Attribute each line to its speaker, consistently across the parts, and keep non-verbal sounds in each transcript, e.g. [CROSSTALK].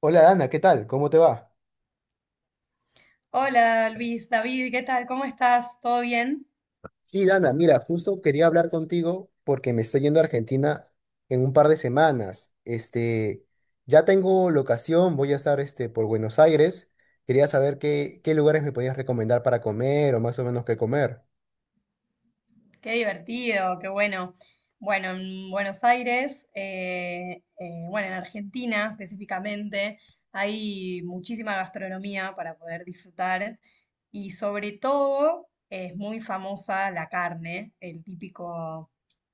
Speaker 1: Hola Dana, ¿qué tal? ¿Cómo te va?
Speaker 2: Hola Luis, David, ¿qué tal? ¿Cómo estás? ¿Todo bien?
Speaker 1: Sí, Dana, mira, justo quería hablar contigo porque me estoy yendo a Argentina en un par de semanas. Ya tengo locación, voy a estar por Buenos Aires. Quería saber qué lugares me podías recomendar para comer o más o menos qué comer.
Speaker 2: Qué divertido, qué bueno. Bueno, en Buenos Aires, bueno, en Argentina específicamente, hay muchísima gastronomía para poder disfrutar, y sobre todo es muy famosa la carne, el típico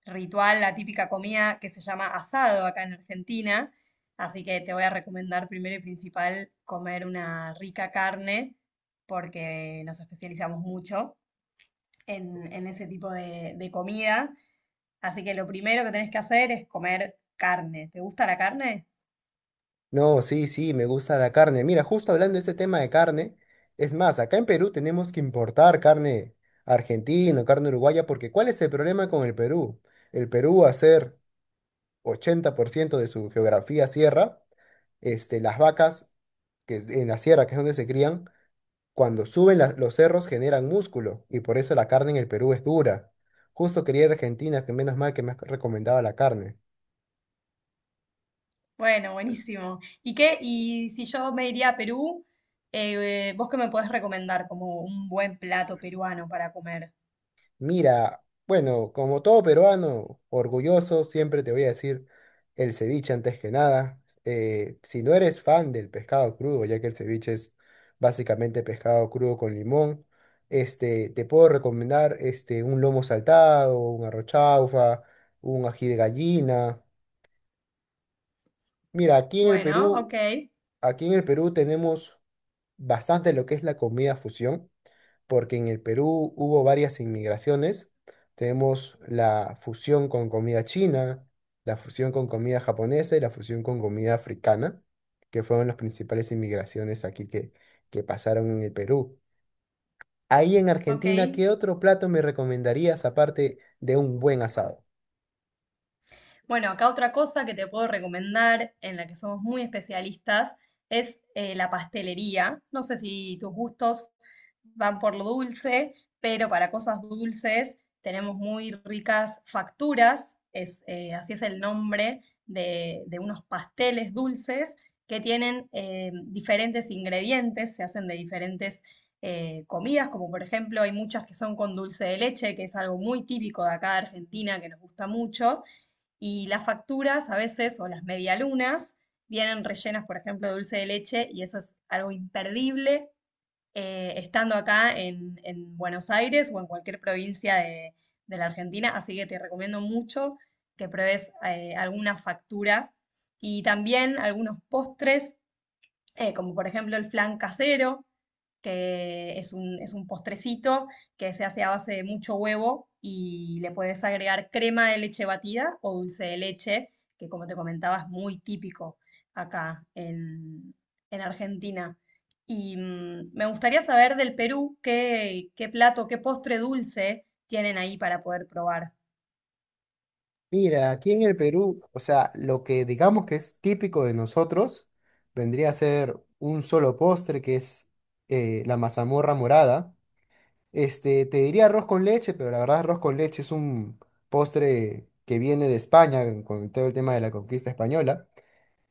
Speaker 2: ritual, la típica comida que se llama asado acá en Argentina. Así que te voy a recomendar primero y principal comer una rica carne porque nos especializamos mucho en ese tipo de comida. Así que lo primero que tenés que hacer es comer carne. ¿Te gusta la carne?
Speaker 1: No, sí, me gusta la carne. Mira, justo hablando de ese tema de carne, es más, acá en Perú tenemos que importar carne argentina, o carne uruguaya, porque ¿cuál es el problema con el Perú? El Perú hacer 80% de su geografía sierra, las vacas que es en la sierra, que es donde se crían, cuando suben los cerros generan músculo y por eso la carne en el Perú es dura. Justo quería ir a Argentina, que menos mal que me has recomendado la carne.
Speaker 2: Bueno, buenísimo. ¿Y qué? Y si yo me iría a Perú, ¿vos qué me podés recomendar como un buen plato peruano para comer?
Speaker 1: Mira, bueno, como todo peruano, orgulloso, siempre te voy a decir el ceviche antes que nada. Si no eres fan del pescado crudo, ya que el ceviche es básicamente pescado crudo con limón, te puedo recomendar un lomo saltado, un arroz chaufa, un ají de gallina. Mira,
Speaker 2: Bueno, ok,
Speaker 1: Aquí en el Perú tenemos bastante lo que es la comida fusión porque en el Perú hubo varias inmigraciones. Tenemos la fusión con comida china, la fusión con comida japonesa y la fusión con comida africana, que fueron las principales inmigraciones aquí que pasaron en el Perú. Ahí en
Speaker 2: ok.
Speaker 1: Argentina, ¿qué otro plato me recomendarías aparte de un buen asado?
Speaker 2: Bueno, acá otra cosa que te puedo recomendar, en la que somos muy especialistas, es la pastelería. No sé si tus gustos van por lo dulce, pero para cosas dulces tenemos muy ricas facturas, es, así es el nombre de unos pasteles dulces que tienen diferentes ingredientes, se hacen de diferentes comidas, como por ejemplo hay muchas que son con dulce de leche, que es algo muy típico de acá de Argentina, que nos gusta mucho, y las facturas a veces, o las medialunas, vienen rellenas, por ejemplo, de dulce de leche, y eso es algo imperdible estando acá en Buenos Aires o en cualquier provincia de la Argentina. Así que te recomiendo mucho que pruebes alguna factura y también algunos postres, como por ejemplo el flan casero, que es es un postrecito que se hace a base de mucho huevo y le puedes agregar crema de leche batida o dulce de leche, que como te comentaba es muy típico acá en Argentina. Y mm, me gustaría saber del Perú qué, qué plato, qué postre dulce tienen ahí para poder probar.
Speaker 1: Mira, aquí en el Perú, o sea, lo que digamos que es típico de nosotros vendría a ser un solo postre que es la mazamorra morada. Te diría arroz con leche, pero la verdad arroz con leche es un postre que viene de España con todo el tema de la conquista española.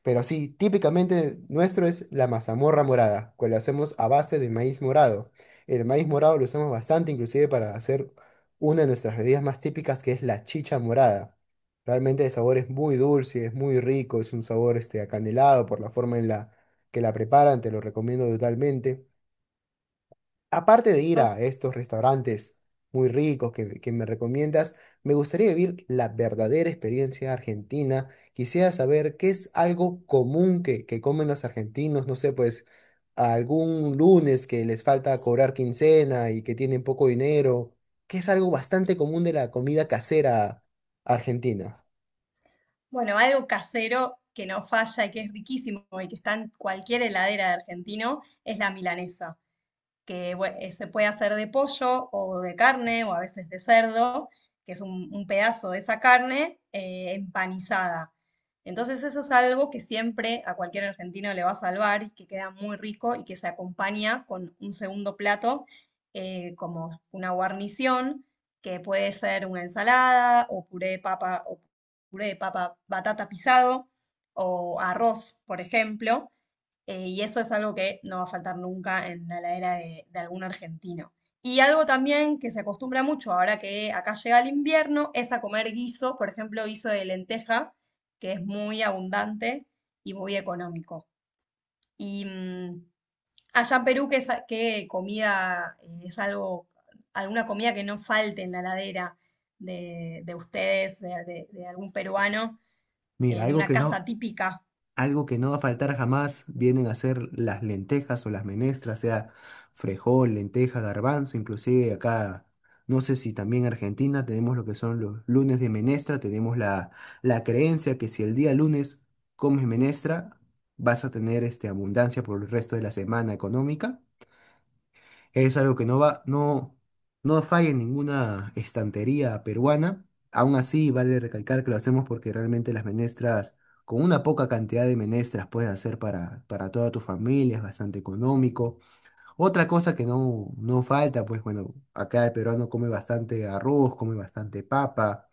Speaker 1: Pero sí, típicamente nuestro es la mazamorra morada, que lo hacemos a base de maíz morado. El maíz morado lo usamos bastante, inclusive para hacer una de nuestras bebidas más típicas, que es la chicha morada. Realmente el sabor es muy dulce, es muy rico, es un sabor acanelado por la forma en la que la preparan, te lo recomiendo totalmente. Aparte de ir
Speaker 2: Ok.
Speaker 1: a estos restaurantes muy ricos que me recomiendas, me gustaría vivir la verdadera experiencia argentina. Quisiera saber qué es algo común que comen los argentinos, no sé, pues algún lunes que les falta cobrar quincena y que tienen poco dinero, que es algo bastante común de la comida casera argentina.
Speaker 2: Bueno, algo casero que no falla y que es riquísimo y que está en cualquier heladera de argentino es la milanesa, que se puede hacer de pollo o de carne o a veces de cerdo, que es un pedazo de esa carne empanizada. Entonces eso es algo que siempre a cualquier argentino le va a salvar y que queda muy rico y que se acompaña con un segundo plato, como una guarnición que puede ser una ensalada o puré de papa o puré de papa batata pisado o arroz, por ejemplo, y eso es algo que no va a faltar nunca en la heladera de algún argentino. Y algo también que se acostumbra mucho ahora que acá llega el invierno es a comer guiso, por ejemplo, guiso de lenteja, que es muy abundante y muy económico. Y mm, allá en Perú, ¿qué, qué comida, es algo, alguna comida que no falte en la heladera de ustedes, de algún peruano,
Speaker 1: Mira,
Speaker 2: en
Speaker 1: algo
Speaker 2: una
Speaker 1: que
Speaker 2: casa
Speaker 1: no,
Speaker 2: típica?
Speaker 1: Algo que no va a faltar jamás vienen a ser las lentejas o las menestras, sea frejol, lenteja, garbanzo, inclusive acá, no sé si también Argentina tenemos lo que son los lunes de menestra, tenemos la creencia que si el día lunes comes menestra, vas a tener abundancia por el resto de la semana económica. Es algo que no va, no, no falla en ninguna estantería peruana. Aún así, vale recalcar que lo hacemos porque realmente las menestras, con una poca cantidad de menestras, puedes hacer para toda tu familia, es bastante económico. Otra cosa que no falta, pues bueno, acá el peruano come bastante arroz, come bastante papa.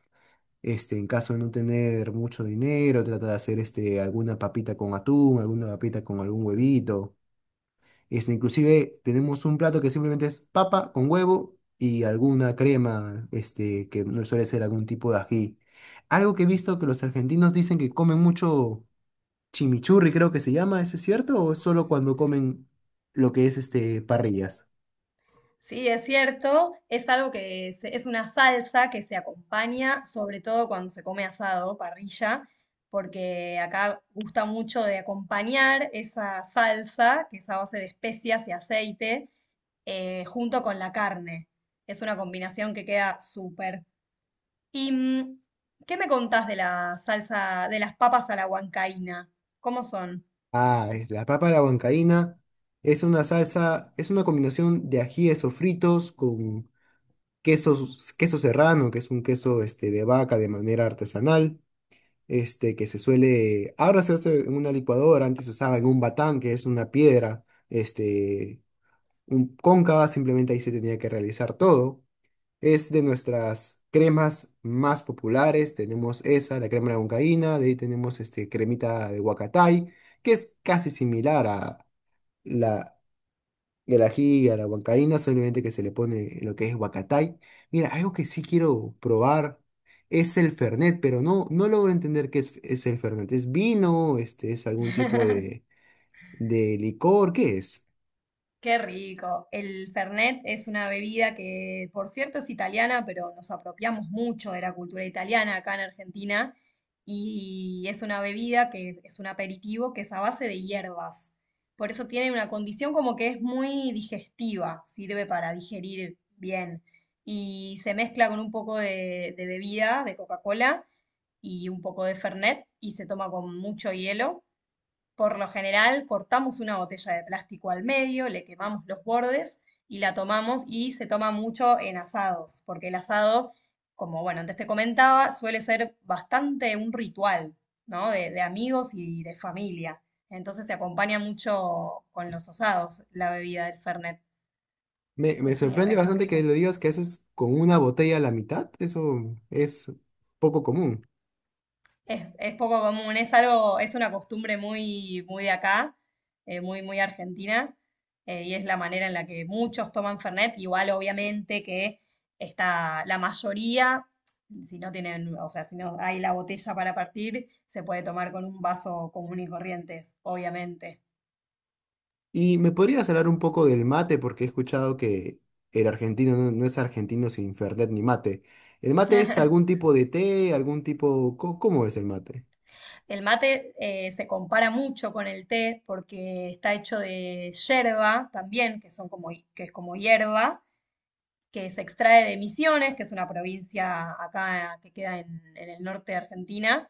Speaker 1: En caso de no tener mucho dinero, trata de hacer alguna papita con atún, alguna papita con algún huevito. Inclusive tenemos un plato que simplemente es papa con huevo y alguna crema, que no suele ser algún tipo de ají. Algo que he visto que los argentinos dicen que comen mucho chimichurri, creo que se llama, ¿eso es cierto? ¿O es solo cuando comen lo que es este parrillas?
Speaker 2: Sí, es cierto, es algo es una salsa que se acompaña sobre todo cuando se come asado, parrilla, porque acá gusta mucho de acompañar esa salsa, que es a base de especias y aceite, junto con la carne. Es una combinación que queda súper. ¿Y mm, qué me contás de la salsa, de las papas a la huancaína? ¿Cómo son?
Speaker 1: Ah, es la papa a la huancaína, es una salsa, es una combinación de ajíes sofritos con queso queso serrano, que es un queso de vaca de manera artesanal que se suele, ahora se hace en una licuadora, antes se usaba en un batán, que es una piedra, este, cóncava, simplemente ahí se tenía que realizar todo. Es de nuestras cremas más populares, tenemos esa, la crema de huancaína, de ahí tenemos cremita de huacatay, que es casi similar a y al ají, a la huancaína, solamente que se le pone lo que es huacatay. Mira, algo que sí quiero probar es el fernet, pero no logro entender qué es el fernet. ¿Es vino? ¿Es algún tipo
Speaker 2: [LAUGHS]
Speaker 1: de licor? ¿Qué es?
Speaker 2: Qué rico. El Fernet es una bebida que, por cierto, es italiana, pero nos apropiamos mucho de la cultura italiana acá en Argentina. Y es una bebida que es un aperitivo que es a base de hierbas. Por eso tiene una condición como que es muy digestiva, sirve para digerir bien. Y se mezcla con un poco de bebida, de Coca-Cola y un poco de Fernet, y se toma con mucho hielo. Por lo general, cortamos una botella de plástico al medio, le quemamos los bordes y la tomamos, y se toma mucho en asados, porque el asado, como bueno, antes te comentaba, suele ser bastante un ritual, ¿no? De amigos y de familia. Entonces se acompaña mucho con los asados la bebida del Fernet.
Speaker 1: Me sorprende
Speaker 2: Es muy
Speaker 1: bastante que
Speaker 2: rico.
Speaker 1: lo digas que haces con una botella a la mitad. Eso es poco común.
Speaker 2: Es poco común, es algo, es una costumbre muy, muy de acá, muy, muy argentina, y es la manera en la que muchos toman Fernet, igual obviamente que está la mayoría, si no tienen, o sea, si no hay la botella para partir, se puede tomar con un vaso común y corriente, obviamente.
Speaker 1: ¿Y me podrías hablar un poco del mate? Porque he escuchado que el argentino no es argentino sin Fernet ni mate. ¿El mate es algún
Speaker 2: [LAUGHS]
Speaker 1: tipo de té, algún tipo... cómo es el mate?
Speaker 2: El mate se compara mucho con el té porque está hecho de yerba también, que son como, que es como hierba, que se extrae de Misiones, que es una provincia acá que queda en el norte de Argentina,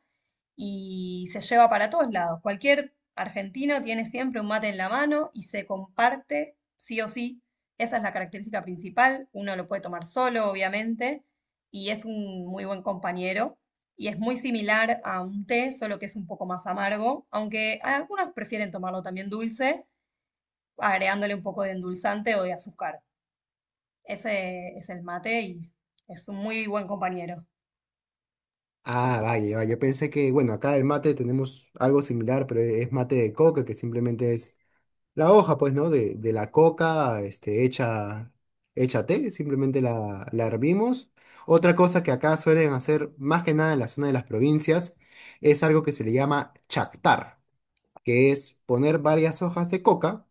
Speaker 2: y se lleva para todos lados. Cualquier argentino tiene siempre un mate en la mano y se comparte sí o sí. Esa es la característica principal. Uno lo puede tomar solo, obviamente, y es un muy buen compañero. Y es muy similar a un té, solo que es un poco más amargo, aunque algunos prefieren tomarlo también dulce, agregándole un poco de endulzante o de azúcar. Ese es el mate y es un muy buen compañero.
Speaker 1: Ah, vaya, vaya. Yo pensé que, bueno, acá el mate tenemos algo similar, pero es mate de coca, que simplemente es la hoja, pues, ¿no? De la coca, hecha té, simplemente la hervimos. Otra cosa que acá suelen hacer, más que nada en la zona de las provincias, es algo que se le llama chactar, que es poner varias hojas de coca,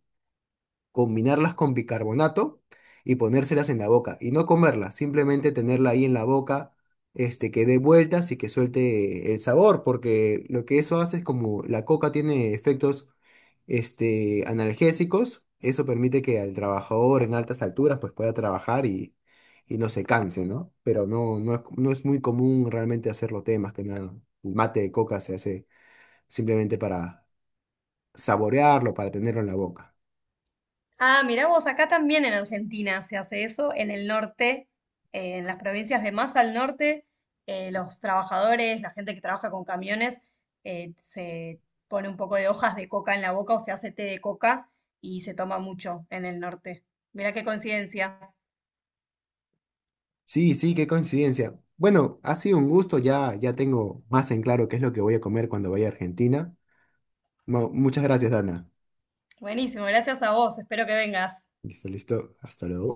Speaker 1: combinarlas con bicarbonato y ponérselas en la boca. Y no comerlas, simplemente tenerla ahí en la boca, que dé vueltas y que suelte el sabor, porque lo que eso hace es como la coca tiene efectos analgésicos, eso permite que al trabajador en altas alturas pues pueda trabajar y no se canse, ¿no? Pero no es muy común realmente hacerlo temas que nada. El mate de coca se hace simplemente para saborearlo, para tenerlo en la boca.
Speaker 2: Ah, mirá vos, acá también en Argentina se hace eso, en el norte, en las provincias de más al norte, los trabajadores, la gente que trabaja con camiones, se pone un poco de hojas de coca en la boca o se hace té de coca y se toma mucho en el norte. Mirá qué coincidencia.
Speaker 1: Sí, sí, qué coincidencia. Bueno, ha sido un gusto, ya tengo más en claro qué es lo que voy a comer cuando vaya a Argentina. Muchas gracias, Ana.
Speaker 2: Buenísimo, gracias a vos, espero que vengas.
Speaker 1: Listo, listo. Hasta luego.